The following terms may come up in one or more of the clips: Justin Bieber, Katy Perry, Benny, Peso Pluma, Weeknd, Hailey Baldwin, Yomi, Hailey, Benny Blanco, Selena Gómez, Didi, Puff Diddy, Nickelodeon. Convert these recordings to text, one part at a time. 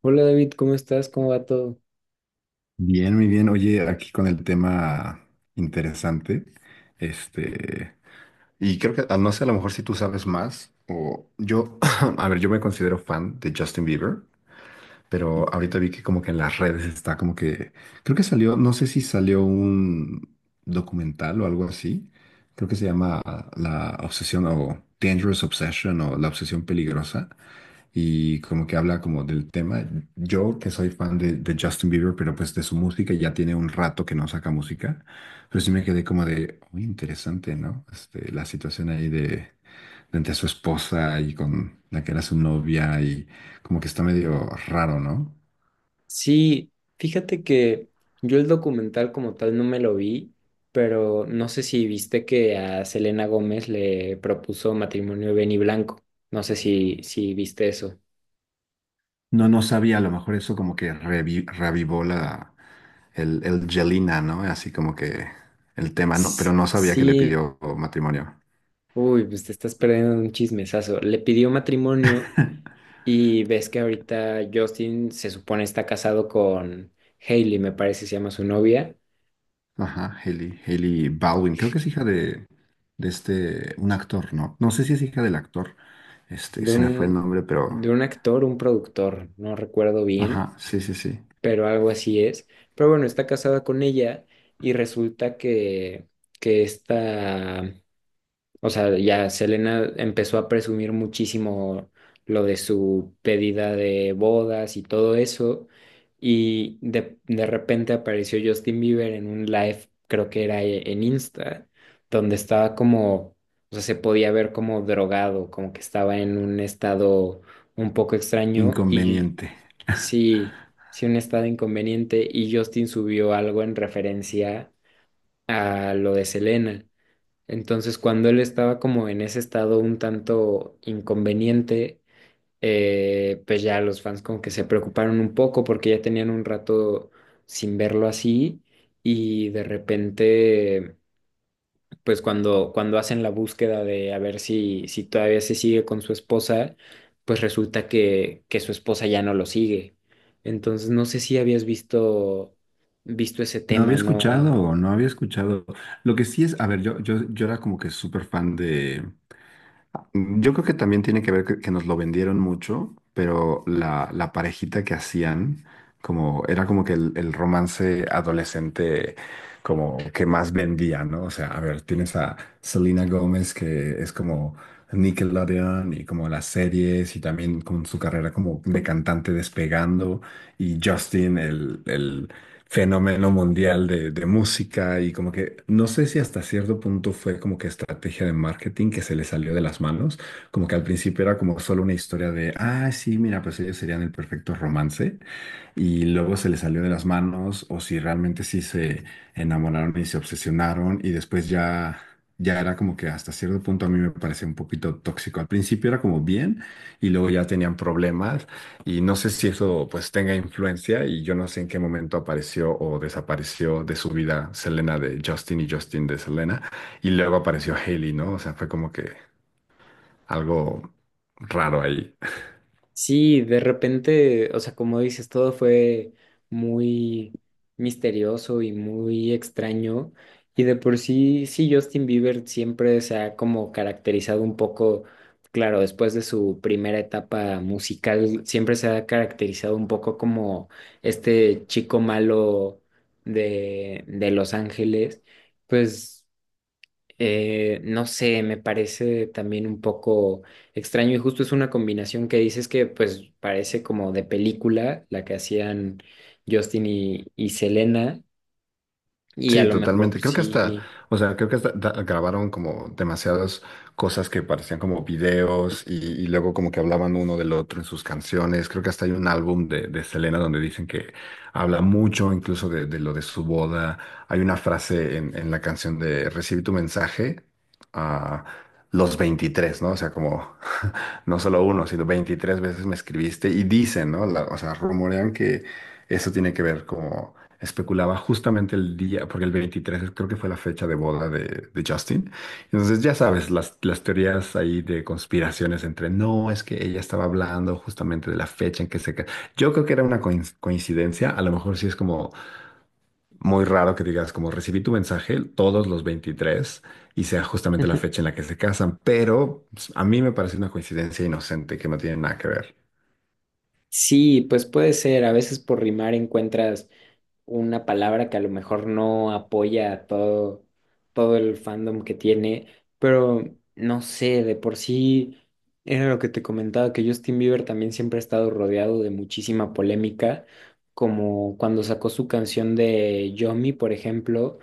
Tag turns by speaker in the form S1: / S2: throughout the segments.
S1: Hola David, ¿cómo estás? ¿Cómo va todo?
S2: Bien, muy bien. Oye, aquí con el tema interesante, este, y creo que, no sé, a lo mejor si tú sabes más, o yo, a ver, yo me considero fan de Justin Bieber, pero ahorita vi que como que en las redes está como que, creo que salió, no sé si salió un documental o algo así, creo que se llama La Obsesión o Dangerous Obsession o La Obsesión Peligrosa y como que habla como del tema. Yo que soy fan de Justin Bieber, pero pues de su música, ya tiene un rato que no saca música, pero sí me quedé como de, muy interesante, ¿no? La situación ahí de entre su esposa y con la que era su novia y como que está medio raro, ¿no?
S1: Sí, fíjate que yo el documental como tal no me lo vi, pero no sé si viste que a Selena Gómez le propuso matrimonio Benny Blanco. No sé si viste eso.
S2: No, no sabía, a lo mejor eso como que revivó la, el Jelena, ¿no? Así como que el tema, ¿no? Pero
S1: S-
S2: no sabía que le
S1: Sí,
S2: pidió matrimonio.
S1: uy, pues te estás perdiendo de un chismesazo. Le pidió matrimonio y ves que ahorita Justin se supone está casado con Hailey, me parece se llama su novia,
S2: Ajá, Hailey, Hailey Baldwin, creo que es hija de un actor, ¿no? No sé si es hija del actor,
S1: de
S2: se me fue el
S1: un,
S2: nombre, pero,
S1: de un actor, un productor, no recuerdo bien
S2: ajá, sí, sí, sí,
S1: pero algo así es. Pero bueno, está casada con ella y resulta que, o sea, ya Selena empezó a presumir muchísimo lo de su pedida de bodas y todo eso. Y de repente apareció Justin Bieber en un live, creo que era en Insta, donde estaba como, o sea, se podía ver como drogado, como que estaba en un estado un poco extraño. Y
S2: inconveniente.
S1: sí, sí, un estado inconveniente, y Justin subió algo en referencia a lo de Selena. Entonces, cuando él estaba como en ese estado un tanto inconveniente, pues ya los fans como que se preocuparon un poco porque ya tenían un rato sin verlo así, y de repente, pues cuando hacen la búsqueda de a ver si todavía se sigue con su esposa, pues resulta que su esposa ya no lo sigue. Entonces, no sé si habías visto, visto ese
S2: No había
S1: tema, ¿no?
S2: escuchado, no había escuchado. Lo que sí es, a ver, yo era como que súper fan de, yo creo que también tiene que ver que nos lo vendieron mucho, pero la parejita que hacían, como era como que el romance adolescente como que más vendía, ¿no? O sea, a ver, tienes a Selena Gómez que es como Nickelodeon y como las series y también con su carrera como de cantante despegando y Justin, el fenómeno mundial de música y como que no sé si hasta cierto punto fue como que estrategia de marketing que se le salió de las manos, como que al principio era como solo una historia de, ah, sí, mira, pues ellos serían el perfecto romance y luego se les salió de las manos o si realmente sí se enamoraron y se obsesionaron y después ya ya era como que hasta cierto punto a mí me parecía un poquito tóxico. Al principio era como bien y luego ya tenían problemas y no sé si eso pues tenga influencia y yo no sé en qué momento apareció o desapareció de su vida Selena de Justin y Justin de Selena y luego apareció Hailey, ¿no? O sea, fue como que algo raro ahí.
S1: Sí, de repente, o sea, como dices, todo fue muy misterioso y muy extraño. Y de por sí, sí, Justin Bieber siempre se ha como caracterizado un poco, claro, después de su primera etapa musical, siempre se ha caracterizado un poco como este chico malo de Los Ángeles. Pues no sé, me parece también un poco extraño, y justo es una combinación que dices que pues parece como de película, la que hacían Justin y Selena, y a
S2: Sí,
S1: lo mejor
S2: totalmente. Creo que hasta,
S1: sí,
S2: o sea, creo que hasta grabaron como demasiadas cosas que parecían como videos y luego como que hablaban uno del otro en sus canciones. Creo que hasta hay un álbum de Selena donde dicen que habla mucho incluso de lo de su boda. Hay una frase en la canción de Recibí tu mensaje a los 23, ¿no? O sea, como no solo uno, sino 23 veces me escribiste y dicen, ¿no? O sea, rumorean que eso tiene que ver como especulaba justamente el día, porque el 23 creo que fue la fecha de boda de Justin. Entonces, ya sabes, las teorías ahí de conspiraciones entre, no, es que ella estaba hablando justamente de la fecha en que se... ca-". Yo creo que era una coincidencia, a lo mejor sí es como muy raro que digas, como recibí tu mensaje todos los 23 y sea justamente la fecha en la que se casan, pero pues, a mí me parece una coincidencia inocente que no tiene nada que ver.
S1: sí, pues puede ser, a veces por rimar encuentras una palabra que a lo mejor no apoya a todo, todo el fandom que tiene, pero no sé, de por sí era lo que te comentaba, que Justin Bieber también siempre ha estado rodeado de muchísima polémica, como cuando sacó su canción de Yomi, por ejemplo,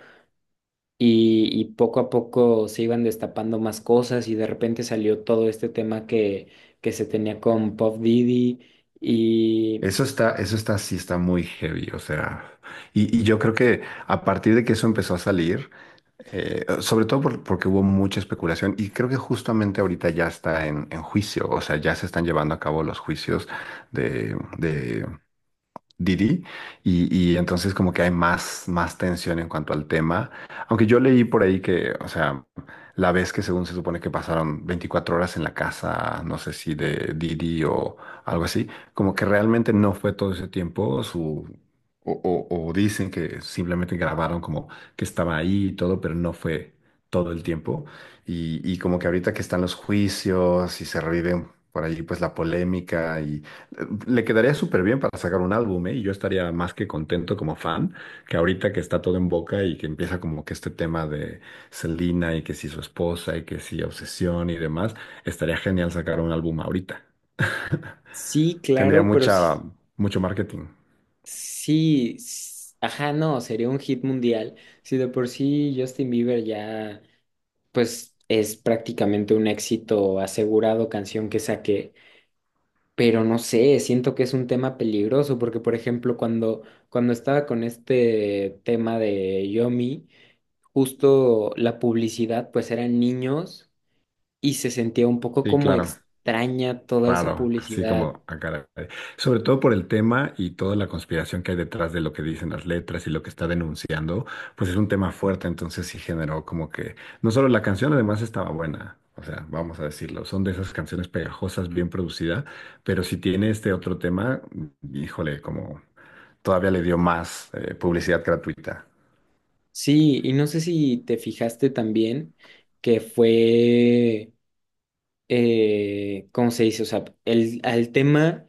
S1: y poco a poco se iban destapando más cosas y de repente salió todo este tema que se tenía con Puff Diddy y...
S2: Eso está, sí está muy heavy, o sea, y yo creo que a partir de que eso empezó a salir, sobre todo porque hubo mucha especulación, y creo que justamente ahorita ya está en juicio, o sea, ya se están llevando a cabo los juicios de Didi y entonces como que hay más tensión en cuanto al tema. Aunque yo leí por ahí que, o sea, la vez que según se supone que pasaron 24 horas en la casa, no sé si de Didi o algo así, como que realmente no fue todo ese tiempo su... O dicen que simplemente grabaron como que estaba ahí y todo, pero no fue todo el tiempo. Y como que ahorita que están los juicios y se revive por ahí pues la polémica le quedaría súper bien para sacar un álbum, ¿eh? Y yo estaría más que contento como fan, que ahorita que está todo en boca y que empieza como que este tema de Selena y que si su esposa y que si obsesión y demás, estaría genial sacar un álbum ahorita.
S1: Sí,
S2: Tendría
S1: claro, pero sí,
S2: mucha, mucho marketing.
S1: sí, ajá, no, sería un hit mundial. Si de por sí Justin Bieber ya, pues es prácticamente un éxito asegurado canción que saqué, pero no sé, siento que es un tema peligroso porque, por ejemplo, cuando estaba con este tema de Yomi, justo la publicidad, pues eran niños y se sentía un poco
S2: Sí,
S1: como
S2: claro.
S1: extraña toda esa
S2: Raro, así
S1: publicidad.
S2: como a caray. Sobre todo por el tema y toda la conspiración que hay detrás de lo que dicen las letras y lo que está denunciando, pues es un tema fuerte, entonces sí generó como que no solo la canción, además estaba buena, o sea, vamos a decirlo, son de esas canciones pegajosas, bien producida, pero si tiene este otro tema, híjole, como todavía le dio más publicidad gratuita,
S1: Sí, y no sé si te fijaste también que fue, ¿cómo se dice? O sea, el, al tema,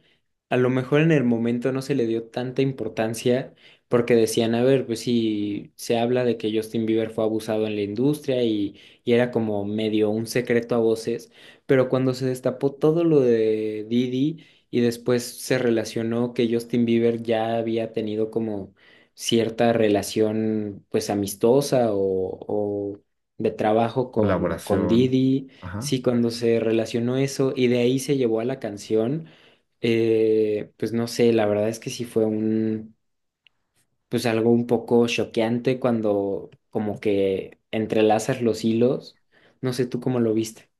S1: a lo mejor en el momento no se le dio tanta importancia porque decían, a ver, pues si se habla de que Justin Bieber fue abusado en la industria y era como medio un secreto a voces, pero cuando se destapó todo lo de Didi y después se relacionó que Justin Bieber ya había tenido como cierta relación pues amistosa o de trabajo con
S2: colaboración,
S1: Didi.
S2: ajá.
S1: Sí, cuando se relacionó eso y de ahí se llevó a la canción, pues no sé, la verdad es que sí fue un, pues algo un poco choqueante cuando como que entrelazas los hilos, no sé tú cómo lo viste.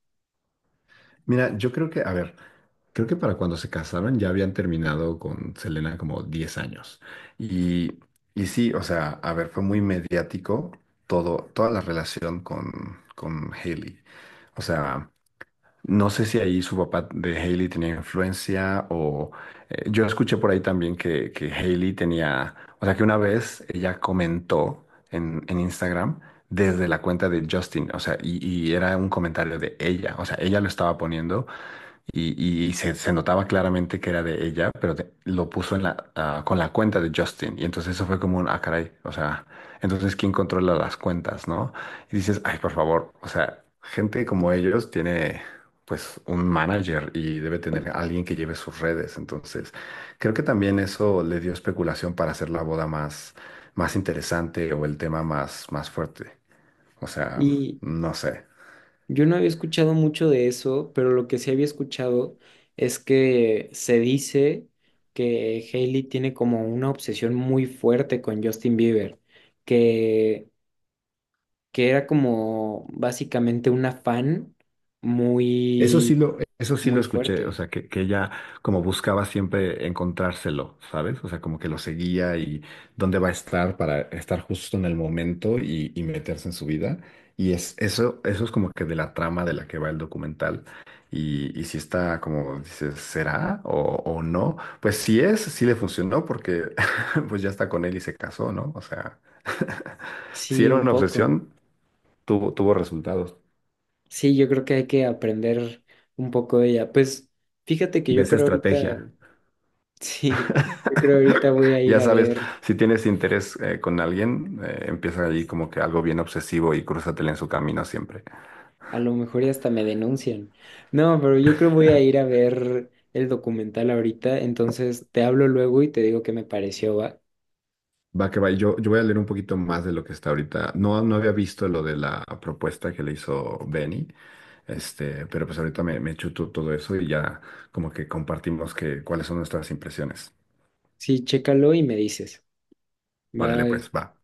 S2: Mira, yo creo que, a ver. Creo que para cuando se casaron ya habían terminado con Selena como 10 años. Y, y sí, o sea, a ver, fue muy mediático todo, toda la relación con Hailey. O sea, no sé si ahí su papá de Hailey tenía influencia o yo escuché por ahí también que Hailey tenía, o sea, que una vez ella comentó en Instagram desde la cuenta de Justin, o sea, y era un comentario de ella, o sea, ella lo estaba poniendo y se notaba claramente que era de ella, pero lo puso en la, ah, con la cuenta de Justin. Y entonces eso fue como un, ah, caray, o sea, entonces ¿quién controla las cuentas, no? Y dices, ay, por favor, o sea, gente como ellos tiene pues un manager y debe tener a alguien que lleve sus redes. Entonces, creo que también eso le dio especulación para hacer la boda más, más interesante o el tema más, más fuerte. O sea,
S1: Y
S2: no sé.
S1: yo no había escuchado mucho de eso, pero lo que sí había escuchado es que se dice que Hailey tiene como una obsesión muy fuerte con Justin Bieber, que que era como básicamente un afán
S2: Eso sí
S1: muy,
S2: lo, eso sí lo
S1: muy
S2: escuché, o
S1: fuerte.
S2: sea, que ella como buscaba siempre encontrárselo, ¿sabes? O sea, como que lo seguía y dónde va a estar para estar justo en el momento y meterse en su vida. Y eso es como que de la trama de la que va el documental. Y si está como dices, ¿será o no? Pues si es, sí le funcionó porque pues ya está con él y se casó, ¿no? O sea, si
S1: Sí,
S2: era
S1: un
S2: una
S1: poco.
S2: obsesión, tuvo resultados
S1: Sí, yo creo que hay que aprender un poco de ella. Pues fíjate que
S2: de
S1: yo
S2: esa
S1: creo ahorita,
S2: estrategia.
S1: sí, yo creo ahorita voy a ir
S2: Ya
S1: a
S2: sabes,
S1: ver,
S2: si tienes interés con alguien, empieza allí como que algo bien obsesivo y crúzatele en su camino siempre.
S1: a lo mejor ya hasta me denuncian. No, pero yo creo voy a ir a ver el documental ahorita, entonces te hablo luego y te digo qué me pareció, va.
S2: Va que va, y yo voy a leer un poquito más de lo que está ahorita. No, no había visto lo de la propuesta que le hizo Benny, pero pues ahorita me chuto todo eso y ya como que compartimos cuáles son nuestras impresiones.
S1: Sí, chécalo y me dices.
S2: Órale,
S1: Bye.
S2: pues, va.